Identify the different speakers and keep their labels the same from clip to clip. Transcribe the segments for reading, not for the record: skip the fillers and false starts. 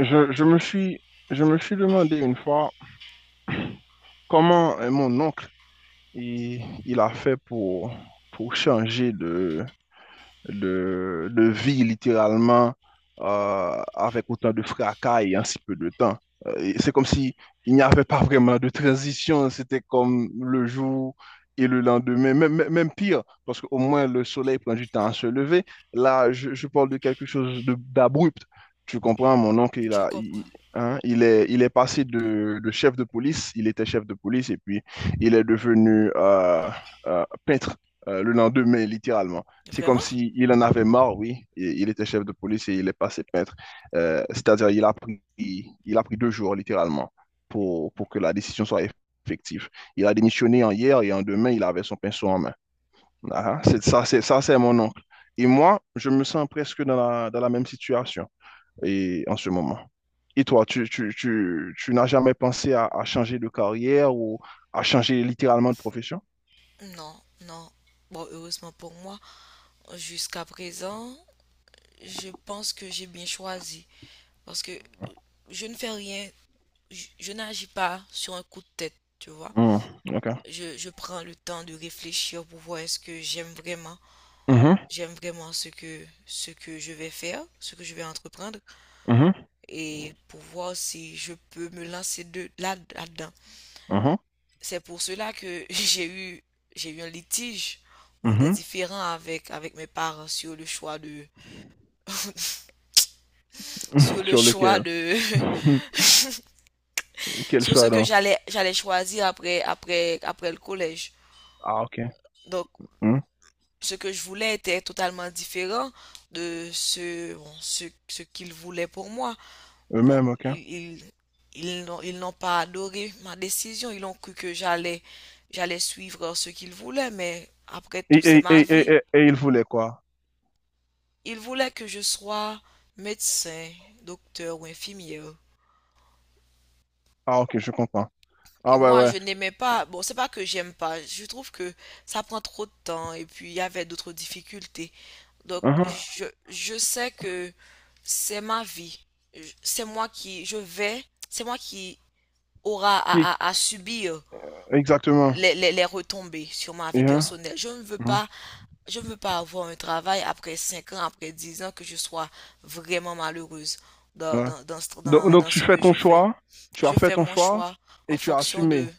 Speaker 1: Je, je me suis, je me suis demandé une fois comment mon oncle il a fait pour changer de vie littéralement, avec autant de fracas et en si peu de temps. Et c'est comme si il n'y avait pas vraiment de transition, c'était comme le jour et le lendemain, même pire, parce qu'au moins le soleil prend du temps à se lever. Là, je parle de quelque chose d'abrupt. Tu comprends, mon oncle,
Speaker 2: Je comprends.
Speaker 1: hein, il est passé de chef de police, il était chef de police, et puis il est devenu peintre, le lendemain, littéralement. C'est comme
Speaker 2: Vraiment?
Speaker 1: s'il il en avait marre, oui. Et il était chef de police et il est passé peintre. C'est-à-dire, il a pris deux jours, littéralement, pour que la décision soit effective. Il a démissionné en hier et en demain, il avait son pinceau en main. Ah, c'est ça, c'est ça, c'est mon oncle. Et moi, je me sens presque dans la même situation et en ce moment. Et toi, tu n'as jamais pensé à changer de carrière ou à changer littéralement de profession?
Speaker 2: Non, non. Bon, heureusement pour moi, jusqu'à présent, je pense que j'ai bien choisi. Parce que je ne fais rien, je n'agis pas sur un coup de tête, tu vois.
Speaker 1: Hmm, ok.
Speaker 2: Je prends le temps de réfléchir pour voir est-ce que j'aime vraiment,
Speaker 1: Mhm,
Speaker 2: j'aime vraiment ce que je vais faire, ce que je vais entreprendre,
Speaker 1: mhm,
Speaker 2: et pour voir si je peux me lancer de là, là-dedans.
Speaker 1: mhm,
Speaker 2: C'est pour cela que j'ai eu un litige, bon, des
Speaker 1: mhm,
Speaker 2: différends avec mes parents sur le choix de,
Speaker 1: mhm.
Speaker 2: sur le
Speaker 1: Sur
Speaker 2: choix
Speaker 1: lequel?
Speaker 2: de,
Speaker 1: Quel
Speaker 2: sur ce
Speaker 1: choix
Speaker 2: que
Speaker 1: donc?
Speaker 2: j'allais choisir après le collège.
Speaker 1: Ah, ok.
Speaker 2: Donc,
Speaker 1: Hmm.
Speaker 2: ce que je voulais était totalement différent de ce, bon, ce qu'ils voulaient pour moi. Donc,
Speaker 1: Eux-mêmes, ok.
Speaker 2: ils n'ont pas adoré ma décision. Ils ont cru que j'allais suivre ce qu'ils voulaient, mais après
Speaker 1: Et,
Speaker 2: tout, c'est
Speaker 1: et,
Speaker 2: ma
Speaker 1: et, et,
Speaker 2: vie.
Speaker 1: et- et ils voulaient quoi?
Speaker 2: Il voulait que je sois médecin, docteur ou infirmière.
Speaker 1: Ah, ok, je comprends.
Speaker 2: Et
Speaker 1: Ah, ouais,
Speaker 2: moi,
Speaker 1: ouais.
Speaker 2: je n'aimais pas. Bon, c'est pas que j'aime pas. Je trouve que ça prend trop de temps et puis il y avait d'autres difficultés. Donc,
Speaker 1: Hein, hein.
Speaker 2: je sais que c'est ma vie. Je- C'est moi qui, je vais, c'est moi qui aura
Speaker 1: Qui-
Speaker 2: à subir
Speaker 1: Exactement.
Speaker 2: les retombées sur ma
Speaker 1: Et,
Speaker 2: vie
Speaker 1: hein,
Speaker 2: personnelle. Je ne veux
Speaker 1: hein,
Speaker 2: pas, je ne veux pas avoir un travail après 5 ans, après 10 ans, que je sois vraiment malheureuse
Speaker 1: ouais. Donc, donc
Speaker 2: dans
Speaker 1: tu
Speaker 2: ce
Speaker 1: fais
Speaker 2: que
Speaker 1: ton
Speaker 2: je fais.
Speaker 1: choix, tu as
Speaker 2: Je
Speaker 1: fait
Speaker 2: fais
Speaker 1: ton
Speaker 2: mon
Speaker 1: choix
Speaker 2: choix en
Speaker 1: et tu as
Speaker 2: fonction de.
Speaker 1: assumé.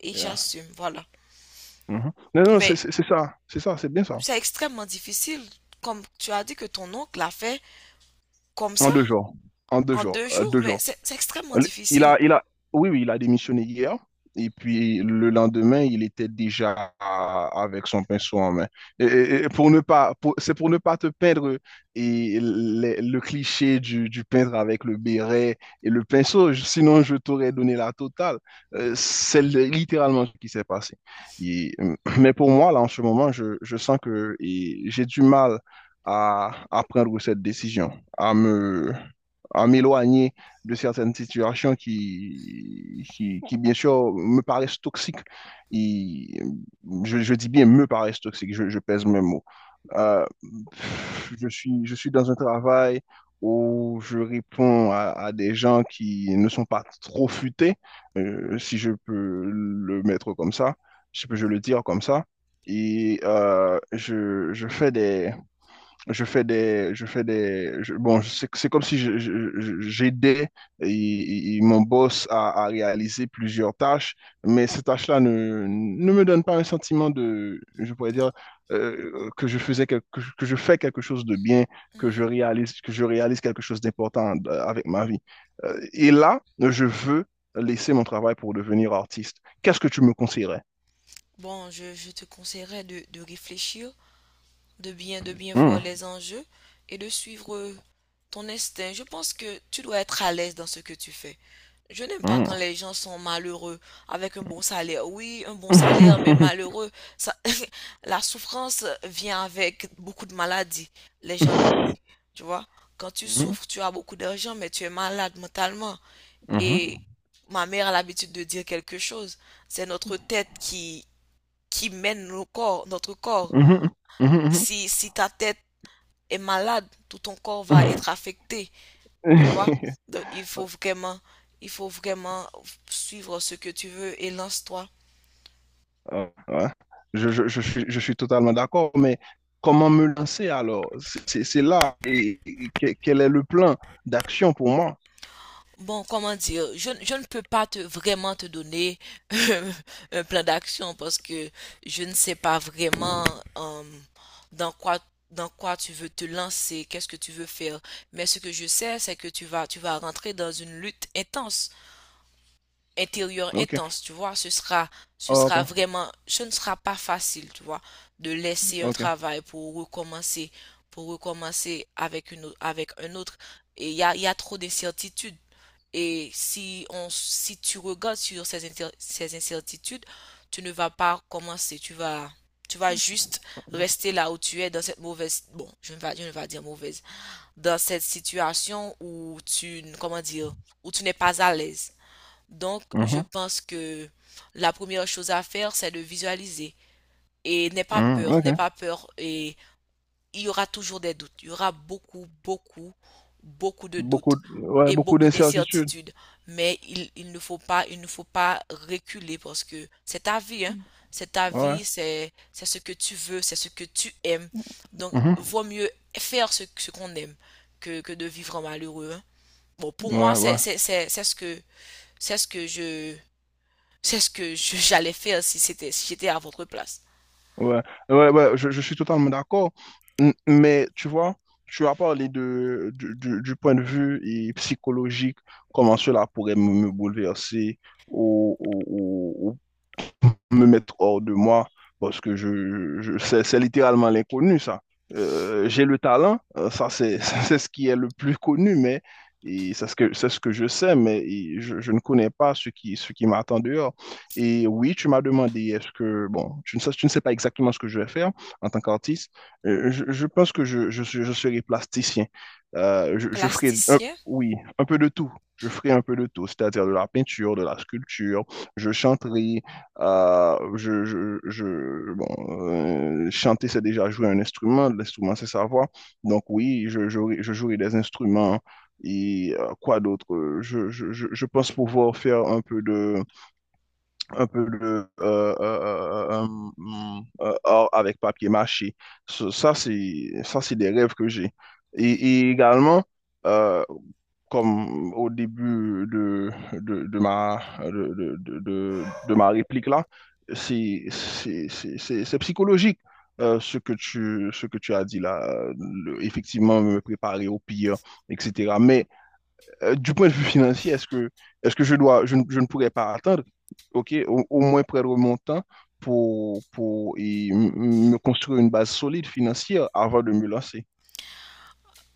Speaker 2: Et
Speaker 1: Yeah.
Speaker 2: j'assume, voilà.
Speaker 1: Mhm. Non, non, c'est
Speaker 2: Mais
Speaker 1: c'est- c'est ça, c'est ça, c'est bien ça.
Speaker 2: c'est extrêmement difficile. Comme tu as dit que ton oncle l'a fait comme
Speaker 1: En
Speaker 2: ça,
Speaker 1: deux jours. En deux
Speaker 2: en
Speaker 1: jours.
Speaker 2: deux
Speaker 1: euh,
Speaker 2: jours,
Speaker 1: deux
Speaker 2: mais
Speaker 1: jours.
Speaker 2: c'est extrêmement
Speaker 1: Il
Speaker 2: difficile.
Speaker 1: a, il a, oui, oui, il a démissionné hier. Et puis le lendemain, il était déjà avec son pinceau en main. Et pour ne pas, c'est pour ne pas te peindre et le cliché du peintre avec le béret et le pinceau. Sinon, je t'aurais donné la totale. C'est littéralement ce qui s'est passé. Mais pour moi, là, en ce moment, je sens que et j'ai du mal à prendre cette décision, à m'éloigner de certaines situations qui, bien sûr, me paraissent toxiques. Et je dis bien me paraissent toxiques, je pèse mes mots. Euh, je suis dans un travail où je réponds à des gens qui ne sont pas trop futés, si je peux le mettre comme ça, si je peux je le dire comme ça. Et euh, je, je, fais des, bon, c'est comme si j'aidais et mon boss à réaliser plusieurs tâches, mais ces tâches-là ne me donnent pas un sentiment de, je pourrais dire, que je fais quelque chose de bien, que je
Speaker 2: Mhm.
Speaker 1: réalise, que je réalise quelque chose d'important, avec ma vie. Et là, je veux laisser mon travail pour devenir artiste. Qu'est-ce que tu me conseillerais?
Speaker 2: Bon, je te conseillerais de réfléchir, de bien
Speaker 1: Hmm,
Speaker 2: voir les enjeux et de suivre ton instinct. Je pense que tu dois être à l'aise dans ce que tu fais. Je n'aime pas quand
Speaker 1: hmm.
Speaker 2: les gens sont malheureux avec un bon salaire. Oui, un bon salaire, mais malheureux. Ça, la souffrance vient avec beaucoup de maladies. Les gens
Speaker 1: Mhm,
Speaker 2: l'oublient. Tu vois, quand tu souffres, tu as beaucoup d'argent, mais tu es malade mentalement.
Speaker 1: mhm,
Speaker 2: Et ma mère a l'habitude de dire quelque chose. C'est notre tête qui mène nos corps, notre corps.
Speaker 1: mhm, mhm, mhm, mhm.
Speaker 2: Si ta tête est malade, tout ton corps va être affecté, tu vois. Donc, il faut vraiment suivre ce que tu veux et lance-toi.
Speaker 1: Ouais. Je suis totalement d'accord, mais comment me lancer alors? C'est là. Et quel est le plan d'action pour moi?
Speaker 2: Bon, comment dire, je ne peux pas te vraiment te donner un plan d'action parce que je ne sais pas vraiment, euh, dans quoi dans quoi tu veux te lancer, qu'est-ce que tu veux faire. Mais ce que je sais, c'est que tu vas rentrer dans une lutte intense, intérieur
Speaker 1: OK.
Speaker 2: intense, tu vois. Ce sera,
Speaker 1: OK.
Speaker 2: vraiment, ce ne sera pas facile, tu vois, de laisser un
Speaker 1: OK.
Speaker 2: travail pour recommencer, avec un autre. Et il y a trop d'incertitudes. Et si tu regardes sur ces incertitudes, tu ne vas pas commencer, tu vas juste rester là où tu es dans cette mauvaise, bon, je ne vais pas dire mauvaise, dans cette situation où comment dire, où tu n'es pas à l'aise. Donc, je
Speaker 1: Mhm.
Speaker 2: pense que la première chose à faire, c'est de visualiser. Et n'aie pas
Speaker 1: Mhm.
Speaker 2: peur, n'aie
Speaker 1: OK.
Speaker 2: pas peur. Et il y aura toujours des doutes. Il y aura beaucoup, beaucoup, beaucoup de
Speaker 1: Beaucoup,
Speaker 2: doutes
Speaker 1: de- ouais,
Speaker 2: et
Speaker 1: beaucoup
Speaker 2: beaucoup
Speaker 1: d'incertitudes.
Speaker 2: d'incertitudes. Mais il ne faut pas reculer parce que c'est ta vie, hein. C'est ta
Speaker 1: Ouais.
Speaker 2: vie, c'est ce que tu veux, c'est ce que tu aimes. Donc,
Speaker 1: Mhm.
Speaker 2: vaut mieux faire ce qu'on aime que de vivre malheureux, hein. Bon, pour moi,
Speaker 1: Ouais,
Speaker 2: c'est,
Speaker 1: ouais.
Speaker 2: c'est, c'est, c'est ce que, c'est ce que je, j'allais faire si c'était, si j'étais à votre place.
Speaker 1: Ouais. Ouais, ouais, je suis totalement d'accord. Mais tu vois, tu as parlé de, du point de vue et psychologique, comment cela pourrait me bouleverser. Ou me mettre hors de moi parce que c'est littéralement l'inconnu, ça. J'ai le talent, ça c'est c'est ce qui est le plus connu, mais c'est ce que je sais, mais je ne connais pas ce qui m'attend dehors. Et oui, tu m'as demandé, est-ce que, bon, tu ne sais pas exactement ce que je vais faire en tant qu'artiste. Je pense que je serai plasticien. Je ferai,
Speaker 2: Plasticien?
Speaker 1: un peu de tout. Je ferai un peu de tout, c'est-à-dire de la peinture, de la sculpture, je chanterai, bon, chanter, c'est déjà jouer un instrument. L'instrument, c'est sa voix. Donc oui, je jouerai des instruments. Quoi d'autre? Je pense pouvoir faire un peu de, un peu de art avec papier mâché. Ça, c'est des rêves que j'ai. Et,
Speaker 2: Mhm.
Speaker 1: et également, euh, comme au début de- ma réplique là, c'est psychologique, ce que tu as dit là, effectivement me préparer au pire, etc. Mais du point de vue financier, est-ce que je dois, je ne pourrais pas attendre, ok, au moins prendre mon temps pour me construire une base solide financière avant de me lancer?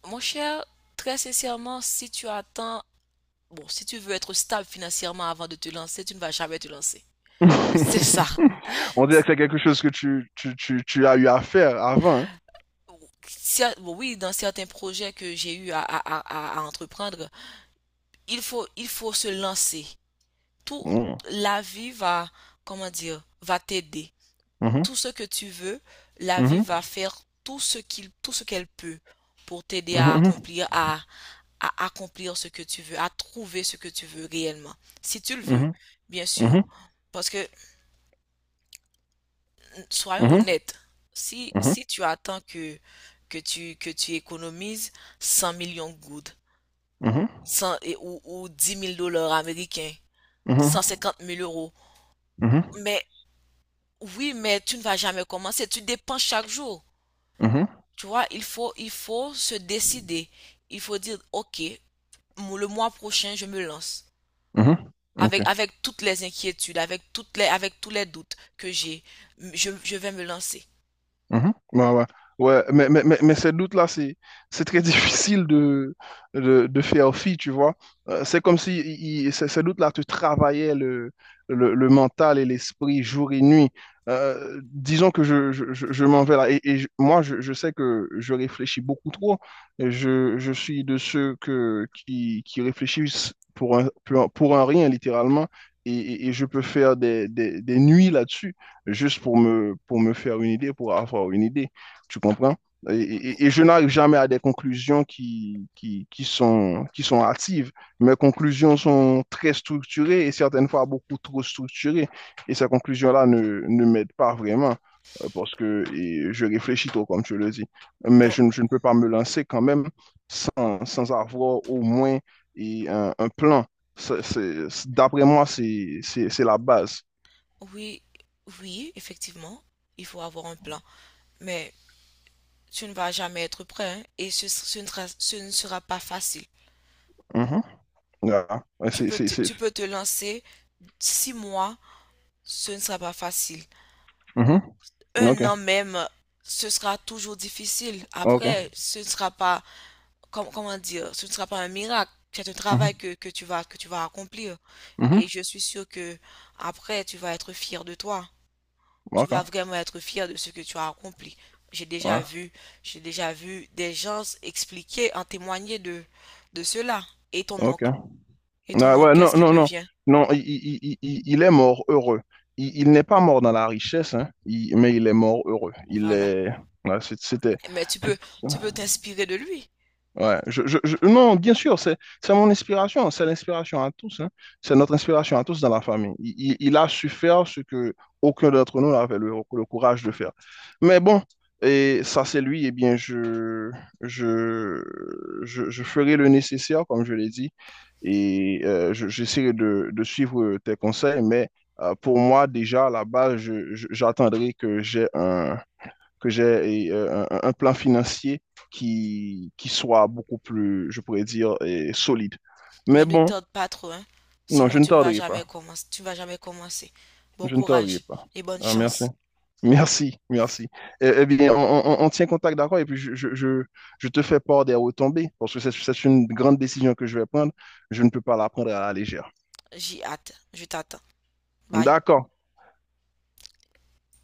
Speaker 2: Mon cher, très sincèrement, si tu attends, bon, si tu veux être stable financièrement avant de te lancer, tu ne vas jamais te lancer. C'est ça.
Speaker 1: On dirait que c'est quelque chose que tu as eu à faire avant, hein.
Speaker 2: Bon, oui, dans certains projets que j'ai eu à entreprendre, il faut se lancer. Tout,
Speaker 1: Mhm,
Speaker 2: la vie va, comment dire, va t'aider.
Speaker 1: mhm,
Speaker 2: Tout ce que tu veux, la vie
Speaker 1: mhm,
Speaker 2: va faire tout ce qu'il, tout ce qu'elle peut pour t'aider à
Speaker 1: mhm,
Speaker 2: accomplir, à accomplir ce que tu veux, à trouver ce que tu veux réellement. Si tu le veux, bien sûr.
Speaker 1: mhm,
Speaker 2: Parce que, soyons
Speaker 1: mhm, mhm,
Speaker 2: honnêtes, si,
Speaker 1: mhm,
Speaker 2: si tu attends que tu économises 100 millions de gouttes, 100 ou 10 000 dollars américains,
Speaker 1: mhm,
Speaker 2: 150 000 euros,
Speaker 1: mhm,
Speaker 2: mais oui, mais tu ne vas jamais commencer, tu dépenses chaque jour.
Speaker 1: mhm,
Speaker 2: Tu vois, il faut se décider. Il faut dire, OK, le mois prochain, je me lance.
Speaker 1: mhm. Ok.
Speaker 2: Avec toutes les inquiétudes, avec toutes les, avec tous les doutes que j'ai, je vais me lancer.
Speaker 1: Mhm. Ouais, ouais. Ouais, mais ces doutes-là, c'est très difficile de faire fi, tu vois. C'est comme si ces doutes-là te travaillaient le mental et l'esprit jour et nuit. Disons que je m'en vais là. Moi, je sais que je réfléchis beaucoup trop. Et je suis de ceux qui réfléchissent pour un rien, littéralement. Et je peux faire des nuits là-dessus juste pour me faire une idée, pour avoir une idée. Tu comprends? Et je n'arrive jamais à des conclusions qui sont hâtives. Mes conclusions sont très structurées et certaines fois beaucoup trop structurées. Et ces conclusions-là ne m'aident pas vraiment, parce que je réfléchis trop, comme tu le dis. Mais
Speaker 2: Bon,
Speaker 1: je ne peux pas me lancer quand même sans avoir au moins un plan. D'après moi, c'est la base.
Speaker 2: Oui, oui, effectivement, il faut avoir un plan. Mais tu ne vas jamais être prêt, hein, et ce ne sera pas facile.
Speaker 1: Mhm. Yeah. I
Speaker 2: Tu
Speaker 1: see,
Speaker 2: peux
Speaker 1: see,
Speaker 2: te,
Speaker 1: see.
Speaker 2: tu peux te lancer 6 mois, ce ne sera pas facile.
Speaker 1: Mm-hmm.
Speaker 2: Un
Speaker 1: Okay.
Speaker 2: an même, ce sera toujours difficile.
Speaker 1: Okay.
Speaker 2: Après, ce ne sera pas, comment dire, ce ne sera pas un miracle, c'est un
Speaker 1: Mm-hmm.
Speaker 2: travail que tu vas accomplir.
Speaker 1: Mm-hmm.
Speaker 2: Et je suis sûre que après, tu vas être fier de toi. Tu
Speaker 1: Okay.
Speaker 2: vas vraiment être fier de ce que tu as accompli. J'ai déjà
Speaker 1: Ouais.
Speaker 2: vu, j'ai déjà vu des gens expliquer, en témoigner de cela. Et ton
Speaker 1: Ok.
Speaker 2: oncle, et
Speaker 1: Ouais,
Speaker 2: ton oncle,
Speaker 1: ouais,
Speaker 2: qu'est-ce
Speaker 1: non,
Speaker 2: qu'il
Speaker 1: non, non.
Speaker 2: devient?
Speaker 1: Non, il est mort heureux. Il n'est pas mort dans la richesse, hein, mais il est mort heureux. Il
Speaker 2: Voilà.
Speaker 1: est. Ouais, c'était.
Speaker 2: Mais tu peux t'inspirer de lui.
Speaker 1: Ouais, non, bien sûr, c'est mon inspiration, c'est l'inspiration à tous, hein. C'est notre inspiration à tous dans la famille. Il a su faire ce que aucun d'entre nous n'avait le courage de faire. Mais bon, et ça c'est lui, et bien je, je ferai le nécessaire, comme je l'ai dit, j'essaierai de suivre tes conseils, mais pour moi, déjà, à la base, j'attendrai que j'ai un plan financier qui soit beaucoup plus, je pourrais dire, solide. Mais
Speaker 2: Mais ne
Speaker 1: bon,
Speaker 2: tarde pas trop, hein.
Speaker 1: non, je
Speaker 2: Sinon,
Speaker 1: ne
Speaker 2: tu ne vas
Speaker 1: tarderai
Speaker 2: jamais
Speaker 1: pas.
Speaker 2: commencer. Tu ne vas jamais commencer. Bon
Speaker 1: Je ne tarderai
Speaker 2: courage
Speaker 1: pas.
Speaker 2: et bonne
Speaker 1: Ah, merci.
Speaker 2: chance.
Speaker 1: Merci, merci. Eh bien, on tient contact, d'accord? Et puis, je te fais part des retombées, parce que c'est une grande décision que je vais prendre. Je ne peux pas la prendre à la légère.
Speaker 2: J'y hâte. Je t'attends. Bye.
Speaker 1: D'accord.